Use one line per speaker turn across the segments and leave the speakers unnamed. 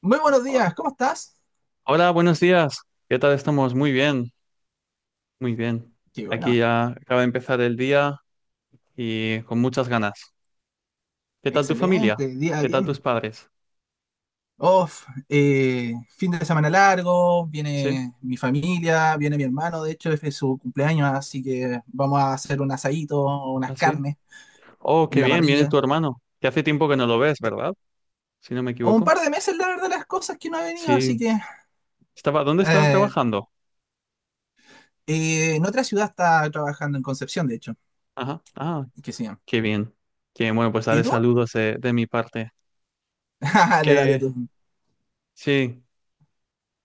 Muy buenos
Ho-
días, ¿cómo estás?
Hola, buenos días. ¿Qué tal estamos? Muy bien, muy bien.
Qué bueno,
Aquí ya acaba de empezar el día y con muchas ganas. ¿Qué tal tu familia?
excelente, día
¿Qué tal tus
bien.
padres?
Off, fin de semana largo,
Sí,
viene mi familia, viene mi hermano, de hecho es de su cumpleaños, así que vamos a hacer un asadito, unas
así.
carnes
Oh,
en
qué
la
bien, viene tu
parrilla.
hermano. Que hace tiempo que no lo ves,
Eh,
¿verdad? Si no me
un
equivoco.
par de meses, la verdad, las cosas que no ha venido, así
Sí.
que
Estaba, ¿dónde estaba
eh,
trabajando?
en otra ciudad está trabajando en Concepción, de hecho,
Ajá. Ah,
que sí.
qué bien. Qué bueno, pues
¿Y
daré
tú?
saludos de mi parte.
Le daré
Eh,
tú.
sí.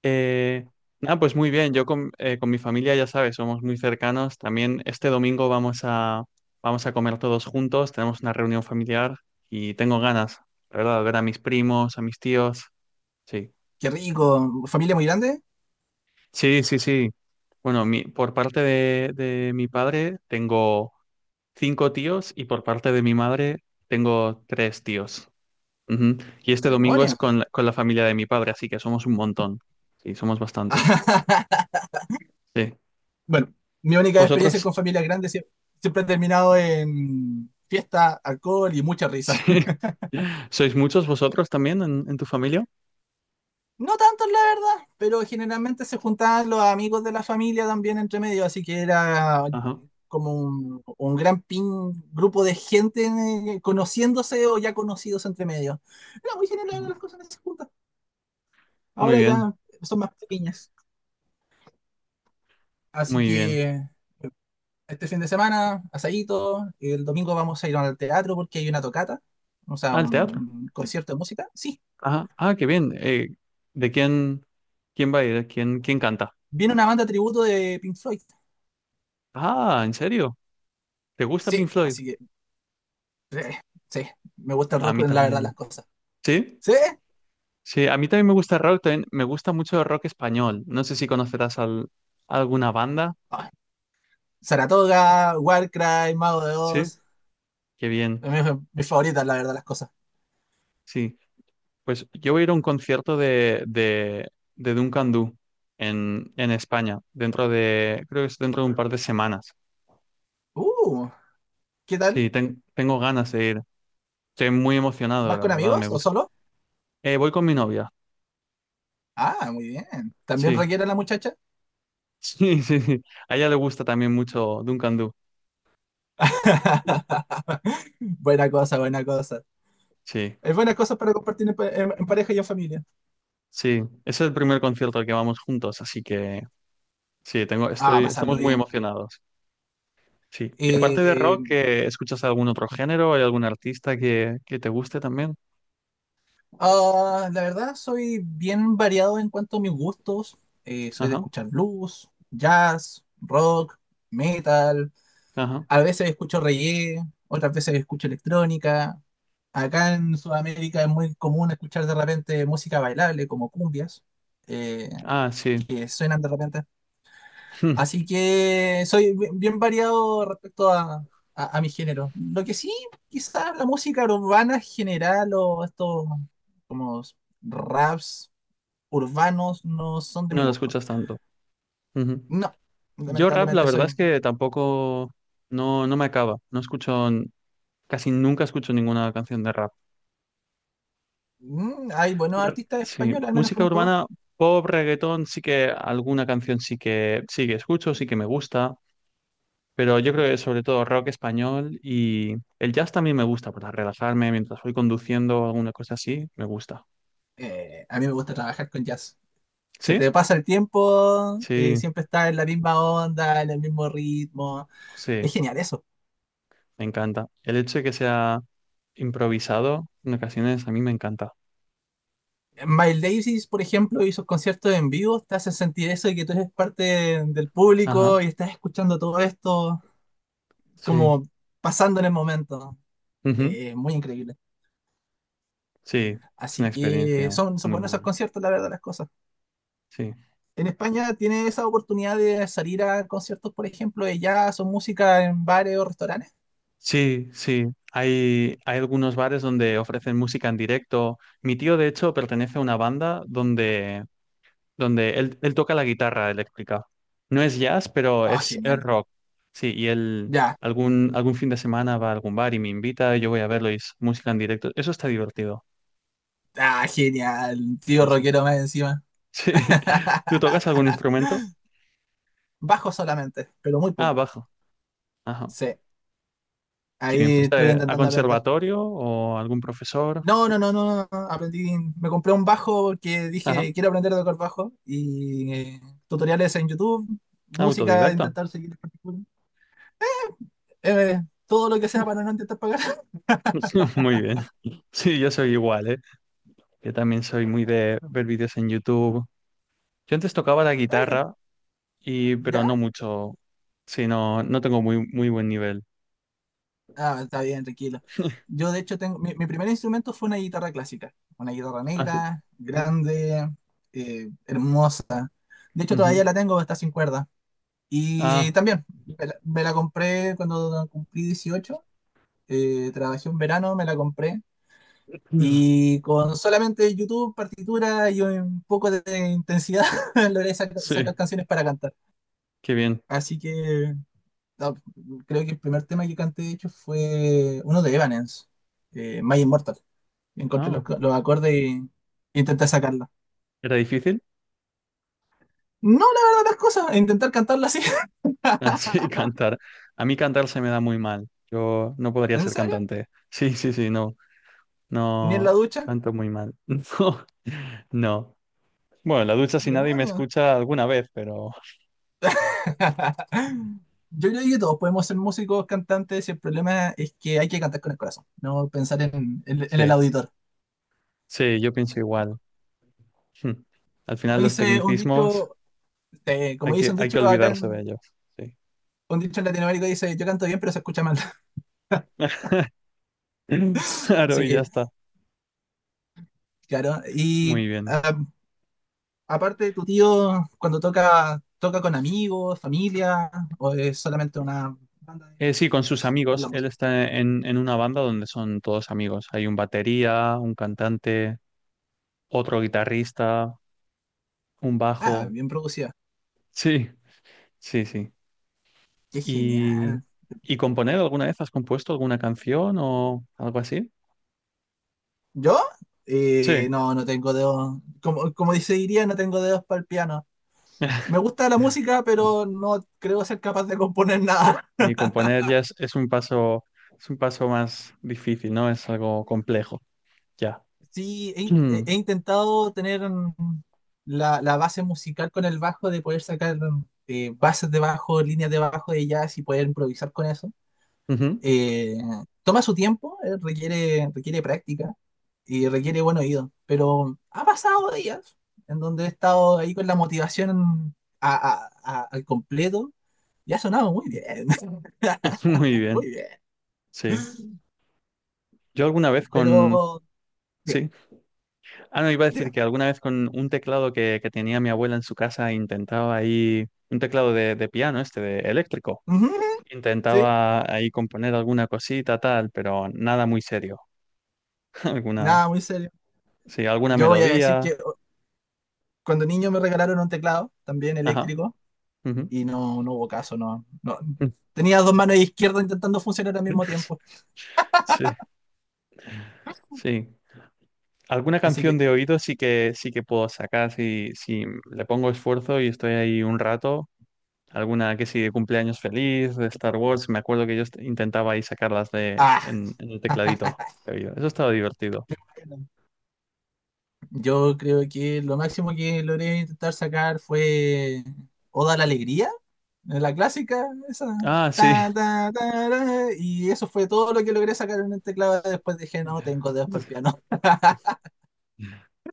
Eh, nada, pues muy bien. Yo con mi familia, ya sabes, somos muy cercanos. También este domingo vamos a comer todos juntos. Tenemos una reunión familiar y tengo ganas, la verdad, de ver a mis primos, a mis tíos. Sí,
Qué rico, familia muy grande,
sí, sí, sí. Bueno, por parte de mi padre tengo cinco tíos y por parte de mi madre tengo tres tíos. Ujú. Y este domingo es
demonios.
con, con la familia de mi padre, así que somos un montón. Sí, somos bastantes. Sí.
Bueno, mi única experiencia
¿Vosotros?
con familias grandes siempre ha terminado en fiesta, alcohol y mucha risa.
Sí. ¿Sois muchos vosotros también en tu familia?
No tantos, la verdad, pero generalmente se juntaban los amigos de la familia también entre medio, así que era
Ajá,
como un gran pin, grupo de gente conociéndose o ya conocidos entre medio. Era muy general
ajá.
las cosas que se juntan.
Muy
Ahora
bien,
ya son más pequeñas. Así
muy bien.
que este fin de semana, asadito, el domingo vamos a ir al teatro porque hay una tocata, o sea,
Ah, al teatro.
un concierto de música. Sí,
Ajá. Ah, qué bien. ¿De quién, quién va a ir? ¿Quién, quién canta?
viene una banda tributo de Pink Floyd.
Ah, ¿en serio? ¿Te gusta
Sí,
Pink Floyd?
así que, eh, sí, me gusta el
A
rock,
mí
la verdad, las
también.
cosas.
¿Sí?
Sí,
Sí, a mí también me gusta rock, también me gusta mucho el rock español. No sé si alguna banda.
ah, Saratoga, Warcry, Mago de
Sí.
Oz,
Qué bien.
mi, mi favorita, la verdad, las cosas.
Sí. Pues yo voy a ir a un concierto de Duncan Du en España, dentro de, creo que es dentro de un par de semanas.
Uh, ¿Qué tal?
Sí, tengo ganas de ir. Estoy muy emocionado,
¿Vas
la
con
verdad, me
amigos o
gusta.
solo?
Voy con mi novia,
Ah, muy bien. ¿También
sí.
requiere la muchacha?
Sí, sí, sí. A ella le gusta también mucho Duncan Du.
Buena cosa, buena cosa.
Sí,
Es buena cosa para compartir en en pareja y en familia.
sí. Es el primer concierto al que vamos juntos, así que sí,
Ah,
estoy,
pasarlo
estamos muy
bien.
emocionados. Sí. Y aparte de
Eh,
rock, ¿eh, ¿escuchas algún otro género? ¿Hay algún artista que te guste también?
la verdad, soy bien variado en cuanto a mis gustos. Soy de
Ajá,
escuchar blues, jazz, rock, metal.
ajá.
A veces escucho reggae, otras veces escucho electrónica. Acá en Sudamérica es muy común escuchar de repente música bailable como cumbias, eh,
Ah, sí.
que suenan de repente.
Hmm.
Así que soy bien variado respecto a, a mi género. Lo que sí, quizás la música urbana en general o estos como raps urbanos no son de mi
No lo
gusto.
escuchas tanto. Ujú.
No,
Yo rap, la
lamentablemente
verdad
soy...
es que tampoco, no, no me acaba. No escucho, casi nunca escucho ninguna canción de rap.
Mm, hay buenos artistas
Sí,
españoles, al menos
música
conozco dos.
urbana, pop, reggaetón, sí que alguna canción sí que escucho, sí que me gusta. Pero yo creo que sobre todo rock español y el jazz también me gusta para relajarme mientras voy conduciendo, alguna cosa así, me gusta.
A mí me gusta trabajar con jazz. Se
¿Sí?
te pasa el tiempo,
Sí,
siempre está en la misma onda, en el mismo ritmo.
sí.
Es genial eso.
Me encanta. El hecho de que sea improvisado en ocasiones a mí me encanta.
Miles Davis, por ejemplo, y sus conciertos en vivo, te hace sentir eso de que tú eres parte del
Ajá,
público y estás escuchando todo esto
sí.
como pasando en el momento.
Ujú.
Muy increíble.
Sí, es una
Así que
experiencia
son
muy
buenos esos
buena.
conciertos, la verdad, las cosas.
Sí,
En España tienes esa oportunidad de salir a conciertos, por ejemplo, de jazz o música en bares o restaurantes.
sí, sí. Hay algunos bares donde ofrecen música en directo. Mi tío, de hecho, pertenece a una banda donde, donde él toca la guitarra eléctrica. No es jazz, pero
Oh,
es
genial.
rock. Sí, y él
Ya.
algún fin de semana va a algún bar y me invita, y yo voy a verlo y es música en directo. Eso está divertido.
Ah, genial. Tío
Sí, sí.
rockero más encima.
Sí. ¿Tú tocas algún instrumento?
Bajo solamente, pero muy
Ah,
poco.
bajo. Ajá.
Sí,
¿Qué bien?
ahí estoy
¿Fuiste a
intentando aprender.
conservatorio o algún profesor?
No, aprendí, me compré un bajo porque
Ajá.
dije, quiero aprender a tocar bajo y tutoriales en YouTube, música,
Autodidacta.
intentar seguir partitura, eh, todo lo que sea para no intentar pagar.
Muy bien. Sí, yo soy igual, ¿eh? Yo también soy muy de ver vídeos en YouTube. Yo antes tocaba la
Oye,
guitarra y pero
¿ya?
no mucho. Sí, no, no tengo muy, muy buen nivel.
Ah, está bien, tranquilo. Yo de hecho tengo, mi primer instrumento fue una guitarra clásica, una guitarra
Ah, sí.
negra,
Mm,
grande, hermosa. De hecho todavía
ujú.
la tengo, está sin cuerda. Y
Ah,
también me la compré cuando cumplí 18. Trabajé un verano, me la compré.
mm,
Y con solamente YouTube, partitura y un poco de intensidad logré
sí,
sacar canciones para cantar.
qué bien.
Así que no, creo que el primer tema que canté, de hecho, fue uno de Evanescence, My Immortal. Encontré
Ah,
los acordes y intenté sacarla.
¿era difícil?
No, la verdad, las cosas, intentar cantarla así.
Así cantar. A mí cantar se me da muy mal. Yo no podría
¿En
ser
serio?
cantante. Sí, sí, sí, no.
¿Ni en la
No,
ducha?
canto muy mal. No, no. Bueno, en la ducha si nadie me
¡Demonios!
escucha alguna vez, pero
Yo creo que todos podemos ser músicos, cantantes, y el problema es que hay que cantar con el corazón, no pensar en, en
sí,
el auditor.
sí, yo pienso igual. Hmm. Al
Como
final los
dice un
tecnicismos
dicho, como dice un
hay que
dicho acá
olvidarse de
en,
ellos. Sí.
un dicho en Latinoamérica, dice, yo canto bien, pero se escucha mal.
Claro,
Así
y ya
que,
está.
claro. Y
Muy bien.
ah, aparte, tu tío, cuando toca, toca con amigos, familia, o es solamente una banda de
Sí, con sus
conocidos por
amigos.
la
Él
música.
está en una banda donde son todos amigos. Hay un batería, un cantante, otro guitarrista. Un
Ah,
bajo.
bien producida.
Sí, sí, sí.
Qué
¿Y,
genial.
y componer alguna vez? ¿Has compuesto alguna canción o algo así?
¿Yo?
Sí.
No, no tengo dedos. Como, como dice diría, no tengo dedos para el piano. Me gusta la música,
No.
pero no creo ser capaz de componer nada.
Y componer ya es un paso más difícil, ¿no? Es algo complejo, ya.
Sí,
Mm.
he intentado tener mm, la base musical con el bajo, de poder sacar bases de bajo, líneas de bajo de jazz y poder improvisar con eso.
Ujú.
Eh, Toma su tiempo, requiere, requiere práctica y requiere buen oído, pero ha pasado días en donde he estado ahí con la motivación al completo y ha sonado muy bien,
Muy bien,
muy bien.
sí. Yo alguna vez con...
Pero, diga,
Sí. Ah, no, iba a decir
dime.
que alguna vez con un teclado que tenía mi abuela en su casa intentaba ahí... Un teclado de piano, este, de eléctrico.
Ujú, sí,
Intentaba ahí componer alguna cosita, tal, pero nada muy serio. Alguna,
nada, muy serio.
sí, alguna
Yo voy a decir
melodía.
que cuando niño me regalaron un teclado, también
Ajá.
eléctrico,
Ujú.
y no, no hubo caso, no, no. Tenía dos manos izquierdas intentando funcionar al mismo tiempo.
Sí, sí. Alguna
Así
canción
que,
de oído sí que puedo sacar si, si le pongo esfuerzo y estoy ahí un rato. Alguna que sí de cumpleaños feliz, de Star Wars. Me acuerdo que yo intentaba ahí sacarlas de
ah,
en el tecladito de oído. Eso estaba divertido.
yo creo que lo máximo que logré intentar sacar fue Oda a la Alegría, la clásica, esa.
Ah, sí.
Ta, ta, ta, ra, y eso fue todo lo que logré sacar en el teclado. Después dije, no, tengo dedos para el piano.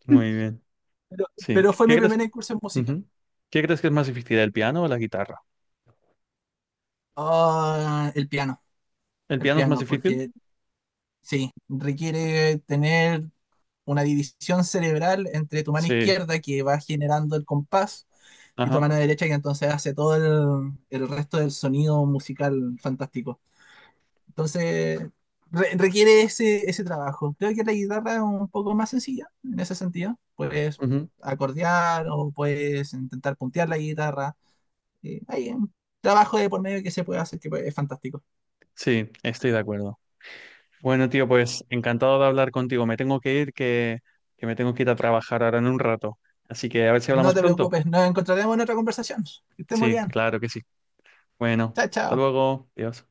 Muy bien.
Pero,
Sí.
pero fue
¿Qué
mi
crees
primera incursión musical.
Ujú. ¿Qué crees que es más difícil, el piano o la guitarra?
Ah,
¿El
el
piano es más
piano,
difícil?
porque sí, requiere tener una división cerebral entre tu mano
Sí,
izquierda que va generando el compás y tu
ajá.
mano derecha que entonces hace todo el resto del sonido musical fantástico. Entonces, requiere ese trabajo. Creo que la guitarra es un poco más sencilla en ese sentido. Puedes
Ujú.
acordear o puedes intentar puntear la guitarra. Hay un trabajo de por medio que se puede hacer que pues, es fantástico.
Sí, estoy de acuerdo. Bueno, tío, pues encantado de hablar contigo. Me tengo que ir, que me tengo que ir a trabajar ahora en un rato. Así que a ver si
No
hablamos
te
pronto.
preocupes, nos encontraremos en otra conversación. Que estés muy
Sí,
bien.
claro que sí. Bueno,
Chao,
hasta
chao.
luego. Adiós.